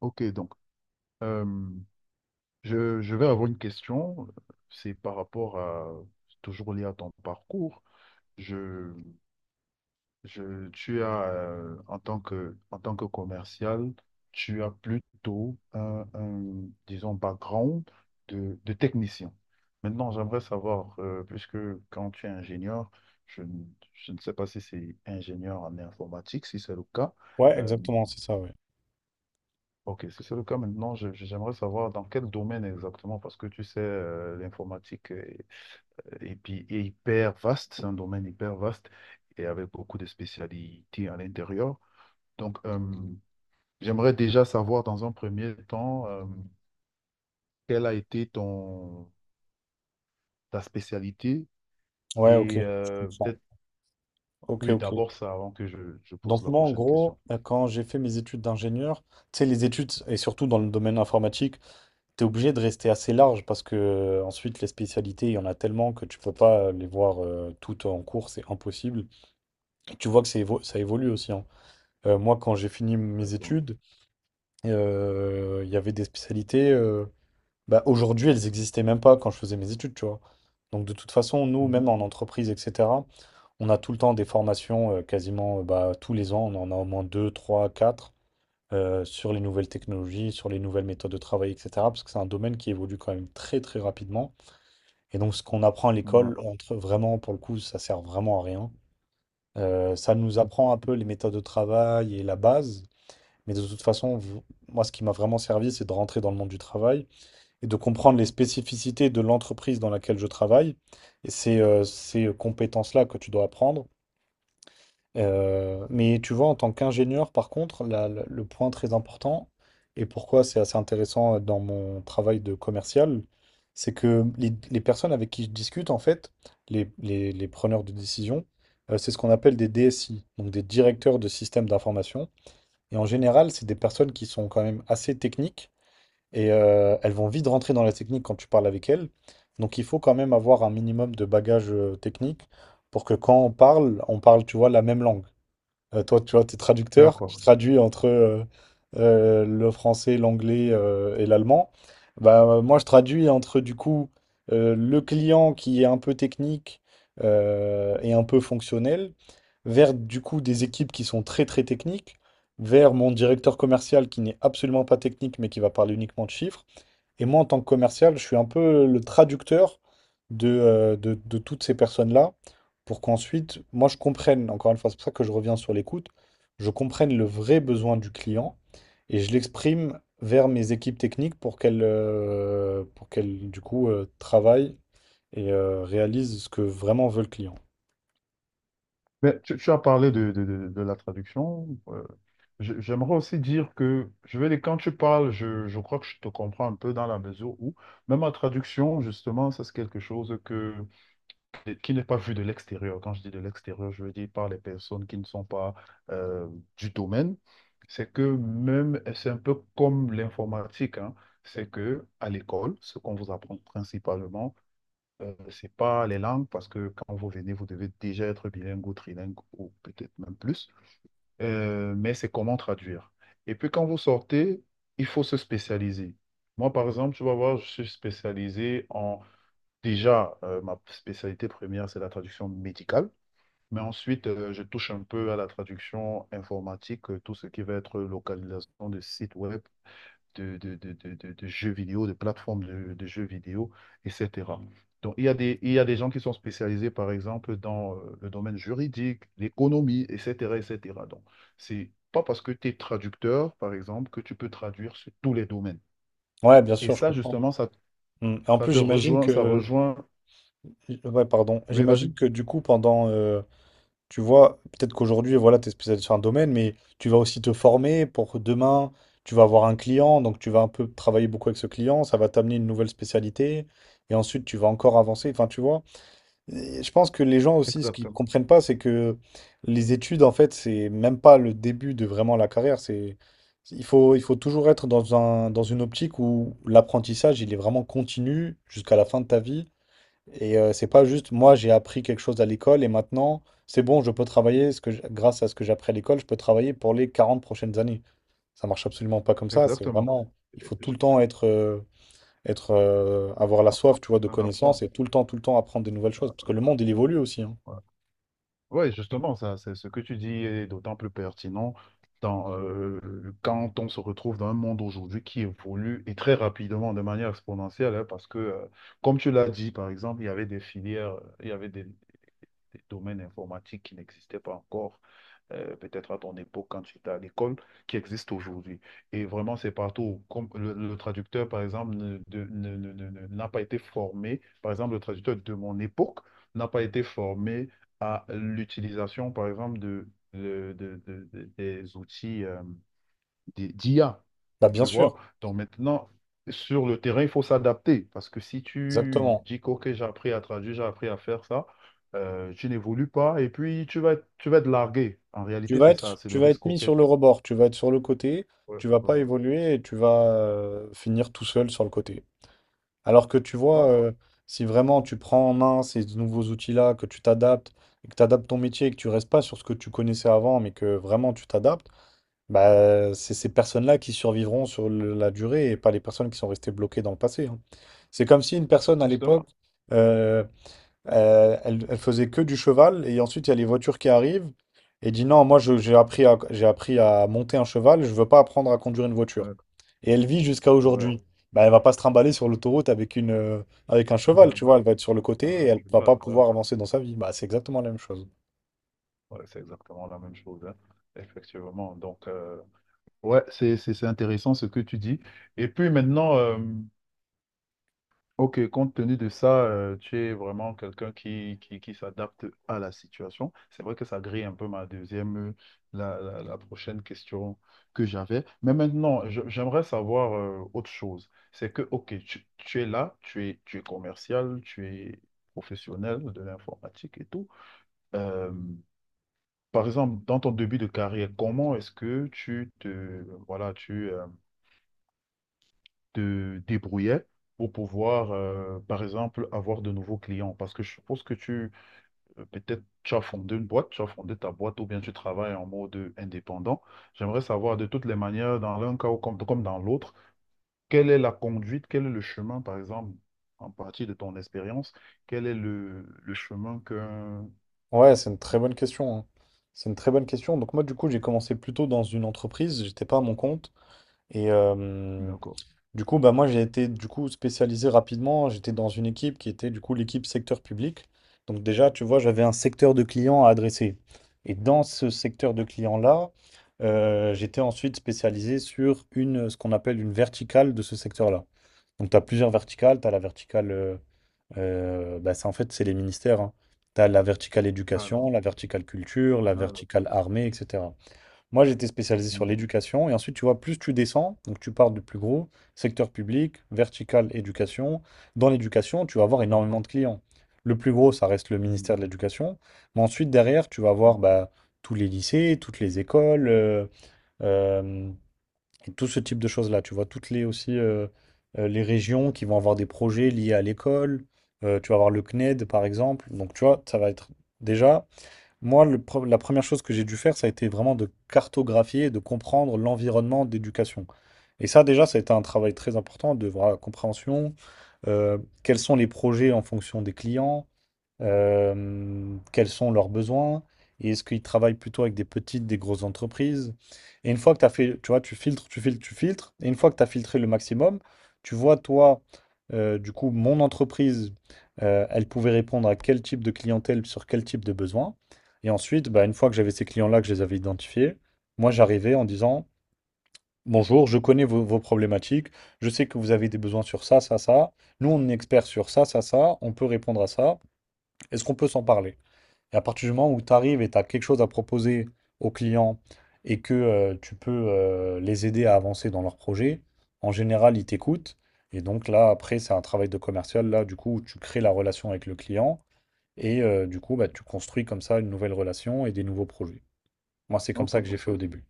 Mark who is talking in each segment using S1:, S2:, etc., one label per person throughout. S1: Ok, donc euh, je vais avoir une question. C'est par rapport à, c'est toujours lié à ton parcours. Je, tu as, en tant que commercial, tu as plutôt un, disons, background de technicien. Maintenant, j'aimerais savoir, puisque quand tu es ingénieur, je, ne- je ne sais pas si c'est ingénieur en informatique, si c'est le cas,
S2: Ouais,
S1: euh,
S2: exactement, c'est ça, ouais.
S1: Ok, si c'est le cas maintenant, j'aimerais savoir dans quel domaine exactement, parce que tu sais, l'informatique est hyper vaste, c'est un domaine hyper vaste et avec beaucoup de spécialités à l'intérieur. Donc, j'aimerais déjà savoir dans un premier temps, quelle a été ta spécialité
S2: Ouais, ok,
S1: et
S2: je comprends.
S1: peut-être.
S2: Ok,
S1: Oui,
S2: ok.
S1: d'abord ça avant que je pose
S2: Donc
S1: la
S2: moi, en
S1: prochaine
S2: gros,
S1: question.
S2: quand j'ai fait mes études d'ingénieur, tu sais, les études, et surtout dans le domaine informatique, t'es obligé de rester assez large parce que ensuite, les spécialités, il y en a tellement que tu peux pas les voir toutes en cours, c'est impossible. Et tu vois que ça évolue aussi, hein. Moi, quand j'ai fini mes
S1: D'accord.
S2: études, il y avait des spécialités, bah, aujourd'hui, elles n'existaient même pas quand je faisais mes études, tu vois. Donc de toute façon, nous,
S1: Mhm.
S2: même en entreprise, etc. On a tout le temps des formations, quasiment bah, tous les ans, on en a au moins deux, trois, quatre, sur les nouvelles technologies, sur les nouvelles méthodes de travail, etc. Parce que c'est un domaine qui évolue quand même très très rapidement. Et donc ce qu'on apprend à
S1: Ouais.
S2: l'école, entre vraiment, pour le coup, ça sert vraiment à rien. Ça nous apprend un peu les méthodes de travail et la base. Mais de toute façon, moi, ce qui m'a vraiment servi, c'est de rentrer dans le monde du travail et de comprendre les spécificités de l'entreprise dans laquelle je travaille. Et c'est ces compétences-là que tu dois apprendre. Mais tu vois, en tant qu'ingénieur, par contre, le point très important, et pourquoi c'est assez intéressant dans mon travail de commercial, c'est que les personnes avec qui je discute, en fait, les preneurs de décision, c'est ce qu'on appelle des DSI, donc des directeurs de systèmes d'information. Et en général, c'est des personnes qui sont quand même assez techniques, et elles vont vite rentrer dans la technique quand tu parles avec elles. Donc il faut quand même avoir un minimum de bagages techniques pour que quand on parle, tu vois, la même langue. Toi, tu vois, tu es traducteur, tu
S1: D'accord.
S2: traduis entre le français, l'anglais et l'allemand. Bah, moi, je traduis entre, du coup, le client qui est un peu technique et un peu fonctionnel, vers, du coup, des équipes qui sont très, très techniques, vers mon directeur commercial qui n'est absolument pas technique, mais qui va parler uniquement de chiffres, et moi, en tant que commercial, je suis un peu le traducteur de toutes ces personnes-là pour qu'ensuite, moi, je comprenne, encore une fois, c'est pour ça que je reviens sur l'écoute, je comprenne le vrai besoin du client et je l'exprime vers mes équipes techniques pour qu'elles, du coup, travaillent et réalisent ce que vraiment veut le client.
S1: Mais tu as parlé de la traduction. J'aimerais aussi dire que, je vais dire, quand tu parles, je crois que je te comprends un peu dans la mesure où, même en traduction, justement, ça c'est quelque chose qui n'est pas vu de l'extérieur. Quand je dis de l'extérieur, je veux dire par les personnes qui ne sont pas euh, du domaine. C'est que même, c'est un peu comme l'informatique, hein. C'est que à l'école, ce qu'on vous apprend principalement, c'est pas les langues, parce que quand vous venez, vous devez déjà être bilingue ou trilingue, ou peut-être même plus. Mais c'est comment traduire. Et puis quand vous sortez, il faut se spécialiser. Moi, par exemple, tu vas voir, je suis spécialisé. Déjà, ma spécialité première, c'est la traduction médicale. Mais ensuite, je touche un peu à la traduction informatique, tout ce qui va être localisation de sites web, de jeux vidéo, de plateformes de jeux vidéo, etc. Donc, il y a des gens qui sont spécialisés, par exemple, dans le domaine juridique, l'économie, etc. Donc, c'est pas parce que tu es traducteur, par exemple, que tu peux traduire sur tous les domaines.
S2: Ouais, bien
S1: Et
S2: sûr, je
S1: ça,
S2: comprends.
S1: justement, ça,
S2: Mm. En
S1: ça
S2: plus,
S1: te
S2: j'imagine
S1: rejoint, ça
S2: que,
S1: rejoint.
S2: ouais, pardon,
S1: Oui, vas-y.
S2: j'imagine que du coup, pendant, tu vois, peut-être qu'aujourd'hui, voilà, tu es spécialisé sur un domaine, mais tu vas aussi te former pour que demain, tu vas avoir un client, donc tu vas un peu travailler beaucoup avec ce client, ça va t'amener une nouvelle spécialité, et ensuite tu vas encore avancer. Enfin, tu vois, et je pense que les gens aussi, ce qu'ils
S1: Exactement.
S2: comprennent pas, c'est que les études, en fait, c'est même pas le début de vraiment la carrière. C'est, il faut toujours être dans un, dans une optique où l'apprentissage, il est vraiment continu jusqu'à la fin de ta vie. Et c'est pas juste moi j'ai appris quelque chose à l'école et maintenant c'est bon, je peux travailler grâce à ce que j'ai appris à l'école, je peux travailler pour les 40 prochaines années. Ça marche absolument pas comme ça, c'est
S1: Exactement.
S2: vraiment il
S1: Et
S2: faut tout
S1: je-
S2: le temps être être avoir la soif, tu vois, de
S1: On apprend.
S2: connaissances et tout le temps apprendre des nouvelles choses parce que le monde il évolue aussi, hein.
S1: Oui, justement, c'est ce que tu dis est d'autant plus pertinent quand on se retrouve dans un monde aujourd'hui qui évolue et très rapidement, de manière exponentielle, hein, parce que comme tu l'as dit, par exemple, il y avait des filières, il y avait des domaines informatiques qui n'existaient pas encore. Peut-être à ton époque quand tu étais à l'école, qui existe aujourd'hui. Et vraiment, c'est partout. Comme le traducteur, par exemple, n'a pas été formé, par exemple, le traducteur de mon époque n'a pas été formé à l'utilisation, par exemple, des outils d'IA.
S2: Bah bien
S1: Tu
S2: sûr,
S1: vois? Donc maintenant, sur le terrain, il faut s'adapter. Parce que si tu
S2: exactement.
S1: dis que OK, j'ai appris à traduire, j'ai appris à faire ça, tu n'évolues pas et puis tu vas être largué. En
S2: Tu
S1: réalité,
S2: vas
S1: c'est
S2: être,
S1: ça, c'est
S2: tu
S1: le
S2: vas être
S1: risque
S2: mis
S1: auquel
S2: sur
S1: tu.
S2: le rebord, tu vas être sur le côté,
S1: Ouais,
S2: tu vas
S1: ouais,
S2: pas évoluer et tu vas finir tout seul sur le côté. Alors que tu
S1: ouais.
S2: vois,
S1: Ouais,
S2: si vraiment tu prends en main ces nouveaux outils-là, que tu t'adaptes, et que tu adaptes ton métier et que tu restes pas sur ce que tu connaissais avant, mais que vraiment tu t'adaptes, bah, c'est ces personnes-là qui survivront sur la durée et pas les personnes qui sont restées bloquées dans le passé, hein. C'est comme si une personne à
S1: justement.
S2: l'époque euh, elle, elle faisait que du cheval et ensuite il y a les voitures qui arrivent et dit non, j'ai appris à, monter un cheval, je veux pas apprendre à conduire une voiture.
S1: Ouais,
S2: Et elle vit jusqu'à
S1: ouais.
S2: aujourd'hui. Bah, elle va pas se trimballer sur l'autoroute avec une, avec un cheval,
S1: Ouais.
S2: tu vois, elle va être sur le côté
S1: Ah,
S2: et elle
S1: je
S2: va
S1: vois,
S2: pas
S1: je vois.
S2: pouvoir avancer dans sa vie. Bah, c'est exactement la même chose.
S1: Ouais, c'est exactement la même chose, hein. Effectivement. Donc, ouais, c'est intéressant ce que tu dis. Et puis maintenant. Ok, compte tenu de ça, tu es vraiment quelqu'un qui s'adapte à la situation. C'est vrai que ça grille un peu ma la prochaine question que j'avais. Mais maintenant, j'aimerais savoir autre chose. C'est que, ok, tu es là, tu es commercial, tu es professionnel de l'informatique et tout. Euh, par exemple, dans ton début de carrière, comment est-ce que tu te, voilà, te débrouillais pour pouvoir, par exemple, avoir de nouveaux clients? Parce que je suppose que peut-être, tu as fondé ta boîte ou bien tu travailles en mode indépendant. J'aimerais savoir de toutes les manières, dans l'un cas ou comme dans l'autre, quelle est la conduite, quel est le chemin, par exemple, en partie de ton expérience, quel est le chemin que.
S2: Ouais, c'est une très bonne question, hein. C'est une très bonne question. Donc moi, du coup, j'ai commencé plutôt dans une entreprise. J'étais pas à mon compte. Et
S1: D'accord.
S2: du coup, bah moi, j'ai été du coup spécialisé rapidement. J'étais dans une équipe qui était du coup l'équipe secteur public. Donc déjà, tu vois, j'avais un secteur de clients à adresser. Et dans ce secteur de clients-là, j'étais ensuite spécialisé sur une, ce qu'on appelle une verticale de ce secteur-là. Donc tu as plusieurs verticales. Tu as la verticale bah, c'est en fait, c'est les ministères, hein. Tu as la verticale
S1: Ah, d'accord.
S2: éducation, la verticale culture, la
S1: Ah,
S2: verticale
S1: d'accord.
S2: armée, etc. Moi, j'étais spécialisé sur
S1: Mhm.
S2: l'éducation. Et ensuite, tu vois, plus tu descends, donc tu pars du plus gros, secteur public, verticale éducation. Dans l'éducation, tu vas avoir
S1: Ok.
S2: énormément de clients. Le plus gros, ça reste le ministère
S1: Mhm.
S2: de l'Éducation. Mais ensuite, derrière, tu vas
S1: Mhm.
S2: avoir bah, tous les lycées, toutes les écoles, euh, donc, tout ce type de choses-là, tu vois, toutes les aussi les régions qui vont avoir des projets liés à l'école. Tu vas avoir le CNED, par exemple. Donc, tu vois, ça va être déjà. Moi, la première chose que j'ai dû faire, ça a été vraiment de cartographier et de comprendre l'environnement d'éducation. Et ça, déjà, ça a été un travail très important de voir la compréhension, euh, quels sont les projets en fonction des clients, quels sont leurs besoins, et est-ce qu'ils travaillent plutôt avec des petites, des grosses entreprises. Et une fois que tu as fait, tu vois, tu filtres, tu filtres, tu filtres, et une fois que tu as filtré le maximum, tu vois, toi, du coup, mon entreprise, elle pouvait répondre à quel type de clientèle, sur quel type de besoin. Et ensuite, bah, une fois que j'avais ces clients-là, que je les avais identifiés, moi, j'arrivais en disant, bonjour, je connais vos problématiques, je sais que vous avez des besoins sur ça, ça, ça. Nous, on est experts sur ça, ça, ça, on peut répondre à ça. Est-ce qu'on peut s'en parler? Et à partir du moment où tu arrives et tu as quelque chose à proposer aux clients et que tu peux les aider à avancer dans leur projet, en général, ils t'écoutent. Et donc là, après, c'est un travail de commercial. Là, du coup, tu crées la relation avec le client et du coup, bah, tu construis comme ça une nouvelle relation et des nouveaux projets. Moi, c'est comme ça
S1: Ok,
S2: que j'ai
S1: donc
S2: fait
S1: ça
S2: au
S1: veut.
S2: début.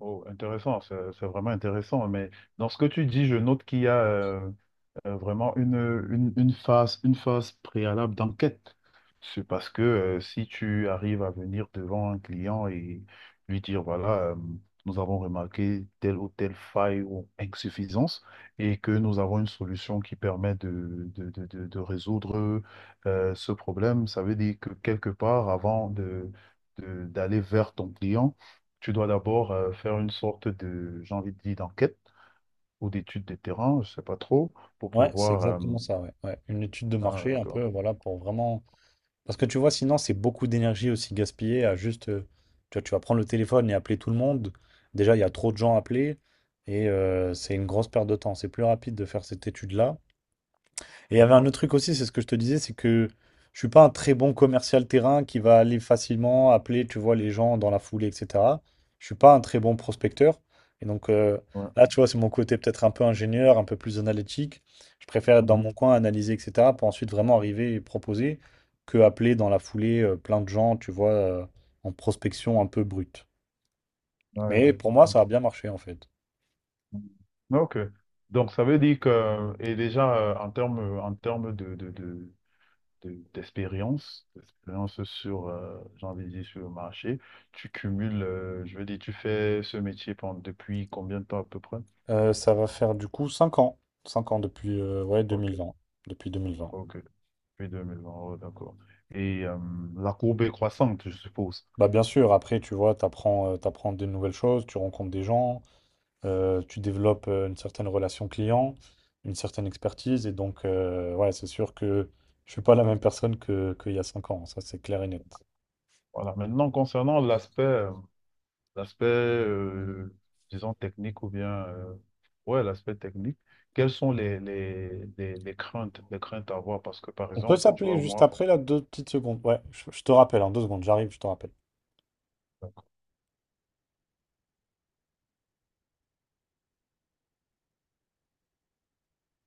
S1: Oh, intéressant, c'est vraiment intéressant. Mais dans ce que tu dis, je note qu'il y a, vraiment une phase préalable d'enquête. C'est parce que si tu arrives à venir devant un client et lui dire, voilà, nous avons remarqué telle ou telle faille ou insuffisance et que nous avons une solution qui permet de résoudre ce problème, ça veut dire que quelque part, avant d'aller vers ton client, tu dois d'abord faire une sorte de, j'ai envie de dire, d'enquête ou d'études des terrains, je sais pas trop, pour
S2: Ouais, c'est
S1: pouvoir.
S2: exactement ça. Ouais. Ouais, une étude de
S1: Ah,
S2: marché, un peu,
S1: d'accord.
S2: voilà, pour vraiment. Parce que tu vois, sinon, c'est beaucoup d'énergie aussi gaspillée à juste. Tu vois, tu vas prendre le téléphone et appeler tout le monde. Déjà, il y a trop de gens à appeler et c'est une grosse perte de temps. C'est plus rapide de faire cette étude-là et il y avait un
S1: Ok.
S2: autre truc aussi, c'est ce que je te disais, c'est que je suis pas un très bon commercial terrain qui va aller facilement appeler, tu vois, les gens dans la foulée, etc. Je suis pas un très bon prospecteur. Et donc
S1: Ouais.
S2: là, tu vois, c'est mon côté peut-être un peu ingénieur, un peu plus analytique. Je préfère être dans
S1: Mhm.
S2: mon coin, analyser, etc. pour ensuite vraiment arriver et proposer que appeler dans la foulée plein de gens, tu vois, en prospection un peu brute.
S1: Ouais, je
S2: Mais pour moi,
S1: comprends.
S2: ça a bien marché en fait.
S1: Mhm. Ok. Donc, ça veut dire que, et déjà, en termes d'expérience sur, j'ai envie de dire, sur le marché, tu cumules, je veux dire, tu fais ce métier depuis combien de temps à peu près?
S2: Ça va faire du coup 5 ans. 5 ans depuis ouais, deux
S1: Ok,
S2: mille vingt, Depuis 2020.
S1: ok, depuis 2020, oh, d'accord. Et la courbe est croissante, je suppose.
S2: Bah bien sûr, après, tu vois, t'apprends de nouvelles choses, tu rencontres des gens, tu développes une certaine relation client, une certaine expertise. Et donc, ouais, c'est sûr que je suis pas la même personne qu'il y a 5 ans. Ça, c'est clair et net.
S1: Voilà, maintenant, concernant l'aspect, disons, technique ou bien, ouais, l'aspect technique. Quelles sont les craintes à avoir? Parce que, par
S2: On peut
S1: exemple, tu
S2: s'appeler
S1: vois,
S2: juste
S1: moi,
S2: après, là, 2 petites secondes. Ouais, je te rappelle, en 2 secondes, j'arrive, je te rappelle.